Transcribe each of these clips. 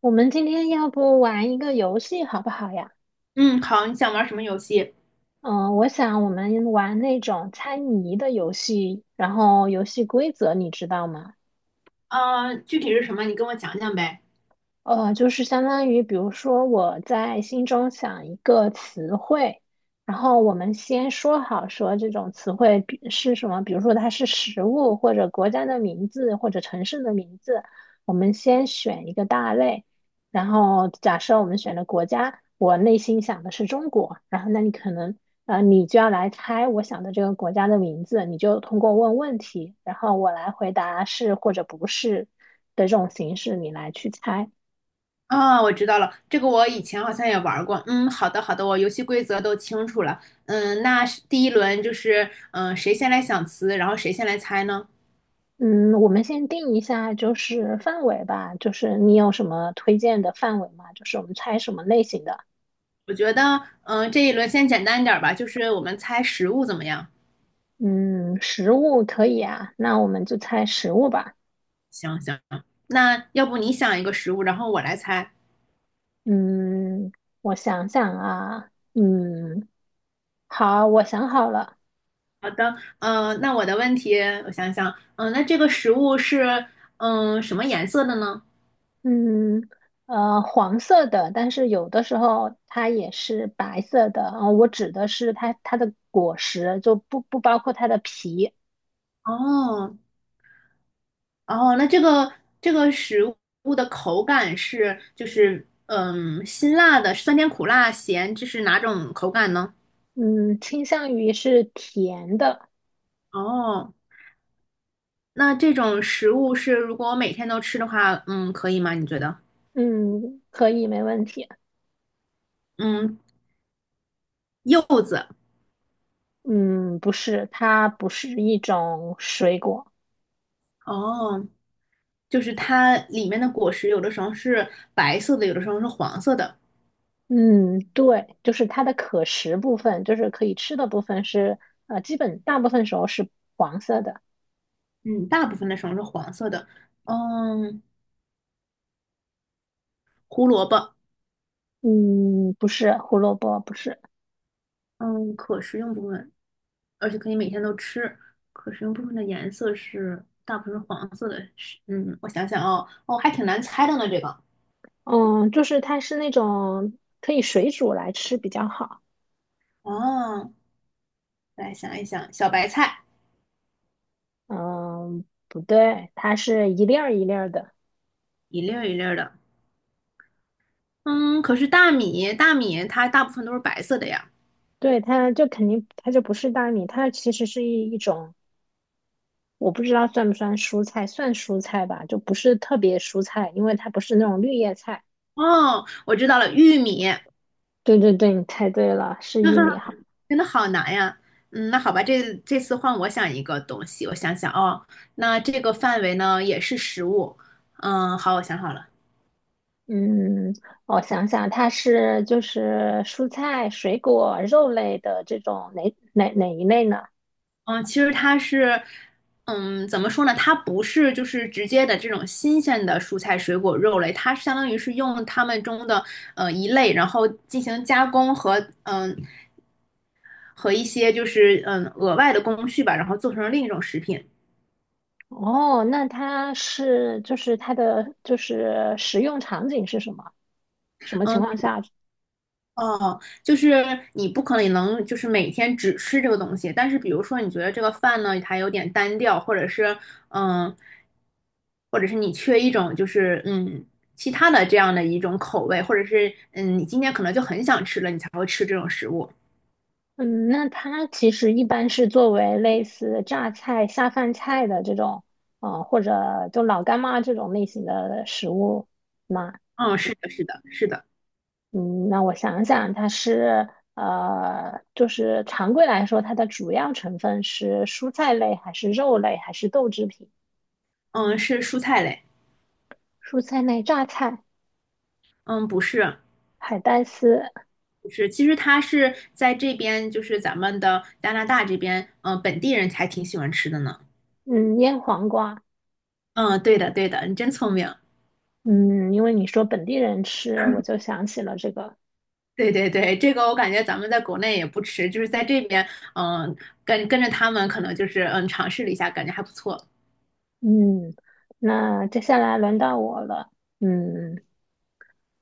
我们今天要不玩一个游戏好不好呀？嗯，好，你想玩什么游戏？嗯，我想我们玩那种猜谜的游戏，然后游戏规则你知道吗？啊？具体是什么？你跟我讲讲呗。就是相当于，比如说我在心中想一个词汇，然后我们先说好说这种词汇比是什么，比如说它是食物或者国家的名字或者城市的名字，我们先选一个大类，然后假设我们选了国家，我内心想的是中国，然后那你可能你就要来猜我想的这个国家的名字，你就通过问问题，然后我来回答是或者不是的这种形式，你来去猜。啊，我知道了，这个我以前好像也玩过。嗯，好的，好的，我游戏规则都清楚了。嗯，那是第1轮就是，谁先来想词，然后谁先来猜呢？嗯，我们先定一下就是范围吧，就是你有什么推荐的范围吗？就是我们猜什么类型的？我觉得，这一轮先简单一点儿吧，就是我们猜食物怎么样？嗯，食物可以啊，那我们就猜食物吧。行行，那要不你想一个食物，然后我来猜。嗯，我想想啊，嗯，好，我想好了。好的，那我的问题，我想想，那这个食物是，什么颜色的呢？嗯，黄色的，但是有的时候它也是白色的。啊，我指的是它的果实，就不包括它的皮。哦，哦，那这个这个食物的口感是就是辛辣的，酸甜苦辣咸，这是哪种口感呢？嗯，倾向于是甜的。哦，那这种食物是如果我每天都吃的话，嗯，可以吗？你觉得？嗯，可以，没问题。嗯，柚子。嗯，不是，它不是一种水果。哦，就是它里面的果实有的时候是白色的，有的时候是黄色的。嗯，对，就是它的可食部分，就是可以吃的部分是，基本大部分时候是黄色的。嗯，大部分的时候是黄色的。嗯，胡萝卜。嗯，不是胡萝卜，不是。嗯，可食用部分。而且可以每天都吃。可食用部分的颜色是大部分是黄色的，是我想想哦，哦，还挺难猜的呢，这个嗯，就是它是那种可以水煮来吃比较好。哦，来想一想，小白菜嗯，不对，它是一粒儿一粒儿的。一粒儿一粒儿的，嗯，可是大米它大部分都是白色的呀。对，它就肯定它就不是大米，它其实是一种我不知道算不算蔬菜，算蔬菜吧，就不是特别蔬菜，因为它不是那种绿叶菜。哦，我知道了，玉米，对对对，你猜对了，是玉米哈。真的好难呀。嗯，那好吧，这次换我想一个东西，我想想哦，那这个范围呢也是食物，嗯，好，我想好了。嗯，我想想，它是就是蔬菜、水果、肉类的这种哪哪一类呢？嗯，其实它是，嗯，怎么说呢？它不是就是直接的这种新鲜的蔬菜、水果、肉类，它相当于是用它们中的一类，然后进行加工和和一些就是额外的工序吧，然后做成另一种食品。哦，那它是就是它的就是食用场景是什么？什么嗯情况下哦，就是你不可能能就是每天只吃这个东西，但是比如说你觉得这个饭呢，它有点单调，或者是嗯，或者是你缺一种就是其他的这样的一种口味，或者是你今天可能就很想吃了，你才会吃这种食物。嗯，那它其实一般是作为类似榨菜、下饭菜的这种，或者就老干妈这种类型的食物嘛。嗯，是的，是的，是的，嗯，那我想想，它是就是常规来说，它的主要成分是蔬菜类，还是肉类，还是豆制品？嗯，是蔬菜类，蔬菜类榨菜、嗯，不是，海带丝，不是，其实它是在这边，就是咱们的加拿大这边，嗯，本地人还挺喜欢吃的呢。嗯，腌黄瓜，嗯，对的，对的，你真聪明。嗯，因为你说本地人吃，我就想起了这个，对对对，这个我感觉咱们在国内也不吃，就是在这边，嗯，跟着他们可能就是尝试了一下，感觉还不错。嗯，那接下来轮到我了。嗯，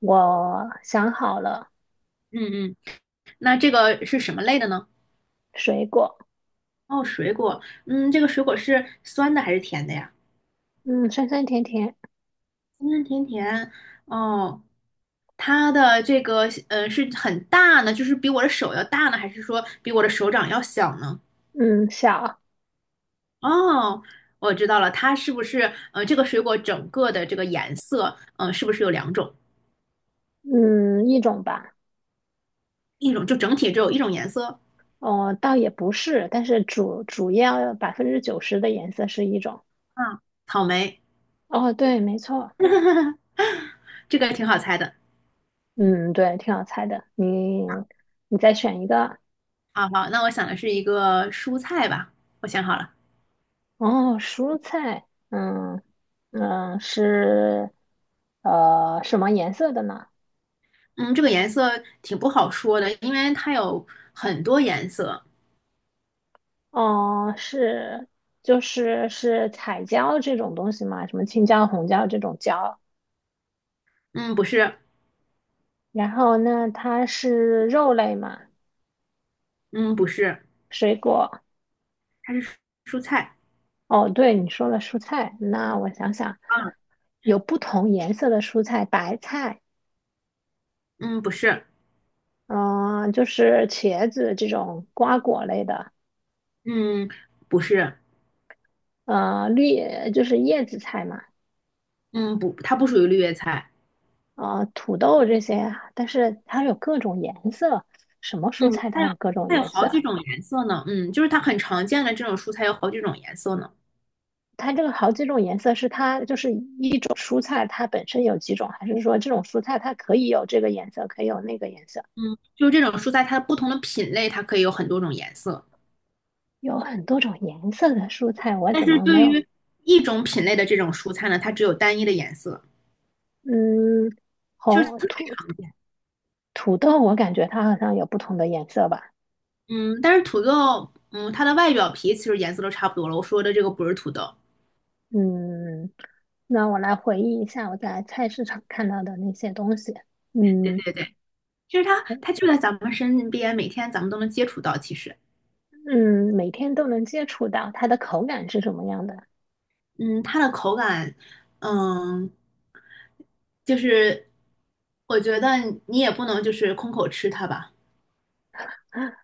我想好了，嗯嗯，那这个是什么类的呢？水果，哦，水果，嗯，这个水果是酸的还是甜的呀？嗯，酸酸甜甜，酸酸甜甜，哦，它的这个是很大呢，就是比我的手要大呢，还是说比我的手掌要小呢？嗯，小，哦，我知道了，它是不是这个水果整个的这个颜色，是不是有两种？嗯，一种吧，一种就整体只有一种颜色？哦，倒也不是，但是主要90%的颜色是一种。嗯，草莓，哦，对，没错，这个挺好猜的。嗯，对，挺好猜的。你再选一个，好好，那我想的是一个蔬菜吧，我想好了。哦，蔬菜，嗯嗯，是什么颜色的呢？嗯，这个颜色挺不好说的，因为它有很多颜色。哦，是就是彩椒这种东西嘛，什么青椒、红椒这种椒？嗯，不是，然后那它是肉类嘛，嗯，不是，水果。它是蔬菜。哦，对，你说了蔬菜，那我想想，啊，有不同颜色的蔬菜，白菜，嗯，不是，嗯、就是茄子这种瓜果类的，嗯，不是，绿就是叶子菜嘛，嗯，不，它不属于绿叶菜。土豆这些啊，但是它有各种颜色，什么嗯，蔬菜它有各种它有颜好色？几种颜色呢。嗯，就是它很常见的这种蔬菜有好几种颜色呢。它这个好几种颜色是它就是一种蔬菜它本身有几种，还是说这种蔬菜它可以有这个颜色，可以有那个颜色？嗯，就是这种蔬菜，它不同的品类，它可以有很多种颜色。有很多种颜色的蔬菜，我但怎是么没对有？于一种品类的这种蔬菜呢，它只有单一的颜色，嗯，就是红特别土常见。土豆，我感觉它好像有不同的颜色吧。嗯，但是土豆，嗯，它的外表皮其实颜色都差不多了。我说的这个不是土豆，嗯，那我来回忆一下我在菜市场看到的那些东西。对嗯对对，其实它就在咱们身边，每天咱们都能接触到。其实，嗯，每天都能接触到，它的口感是什么样的？嗯，它的口感，嗯，就是我觉得你也不能就是空口吃它吧。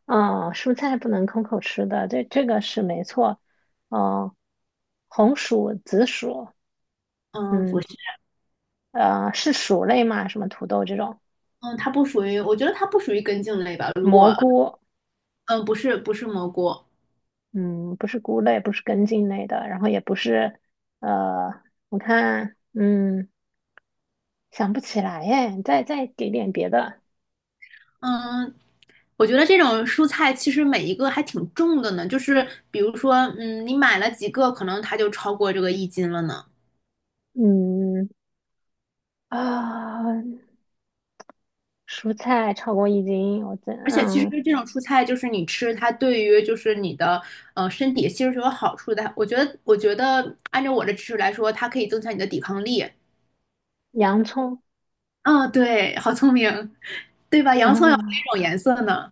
啊，蔬菜不能空口吃的，这个是没错。哦，红薯、紫薯，嗯，不嗯是，是薯类嘛？什么土豆这种，嗯，它不属于，我觉得它不属于根茎类吧。如果，蘑菇。嗯，不是不是蘑菇，嗯，不是菇类，不是根茎类的，然后也不是，呃，我看，嗯，想不起来耶，再给点别的，嗯，我觉得这种蔬菜其实每一个还挺重的呢，就是比如说，嗯，你买了几个，可能它就超过这个1斤了呢。嗯啊，蔬菜超过一斤，我这而且其实嗯，这种蔬菜就是你吃它，对于就是你的身体其实是有好处的。我觉得，我觉得按照我的知识来说，它可以增强你的抵抗力。洋葱，嗯，对，好聪明，对吧？洋葱有哪嗯种颜色呢？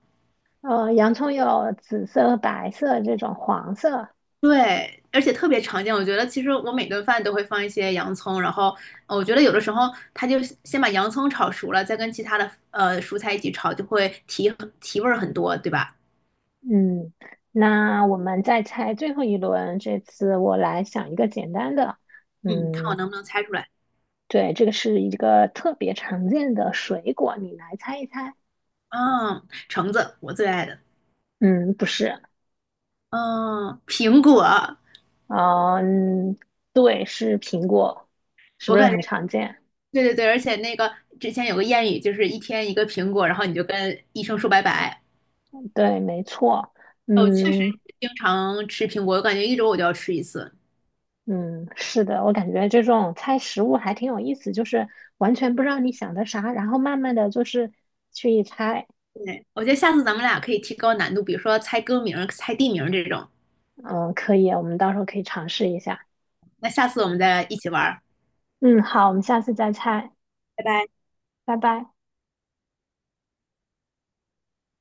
洋葱有紫色、白色这种黄色，对，而且特别常见。我觉得其实我每顿饭都会放一些洋葱，然后我觉得有的时候它就先把洋葱炒熟了，再跟其他的蔬菜一起炒，就会提味儿很多，对吧？嗯，那我们再猜最后一轮，这次我来想一个简单的，嗯，看我嗯，能不能猜出来。对，这个是一个特别常见的水果，你来猜一猜。嗯，橙子我最爱的。嗯，不是，嗯，苹果，啊，嗯，对，是苹果，是我不是感觉很常见？对对对，而且那个之前有个谚语，就是1天1个苹果，然后你就跟医生说拜拜。对，没错，我确实嗯经常吃苹果，我感觉1周我就要吃1次。嗯，是的，我感觉这种猜食物还挺有意思，就是完全不知道你想的啥，然后慢慢的就是去一猜，对，我觉得下次咱们俩可以提高难度，比如说猜歌名儿、猜地名儿这种。嗯，可以，我们到时候可以尝试一下，那下次我们再一起玩儿，嗯，好，我们下次再猜，拜拜。拜拜。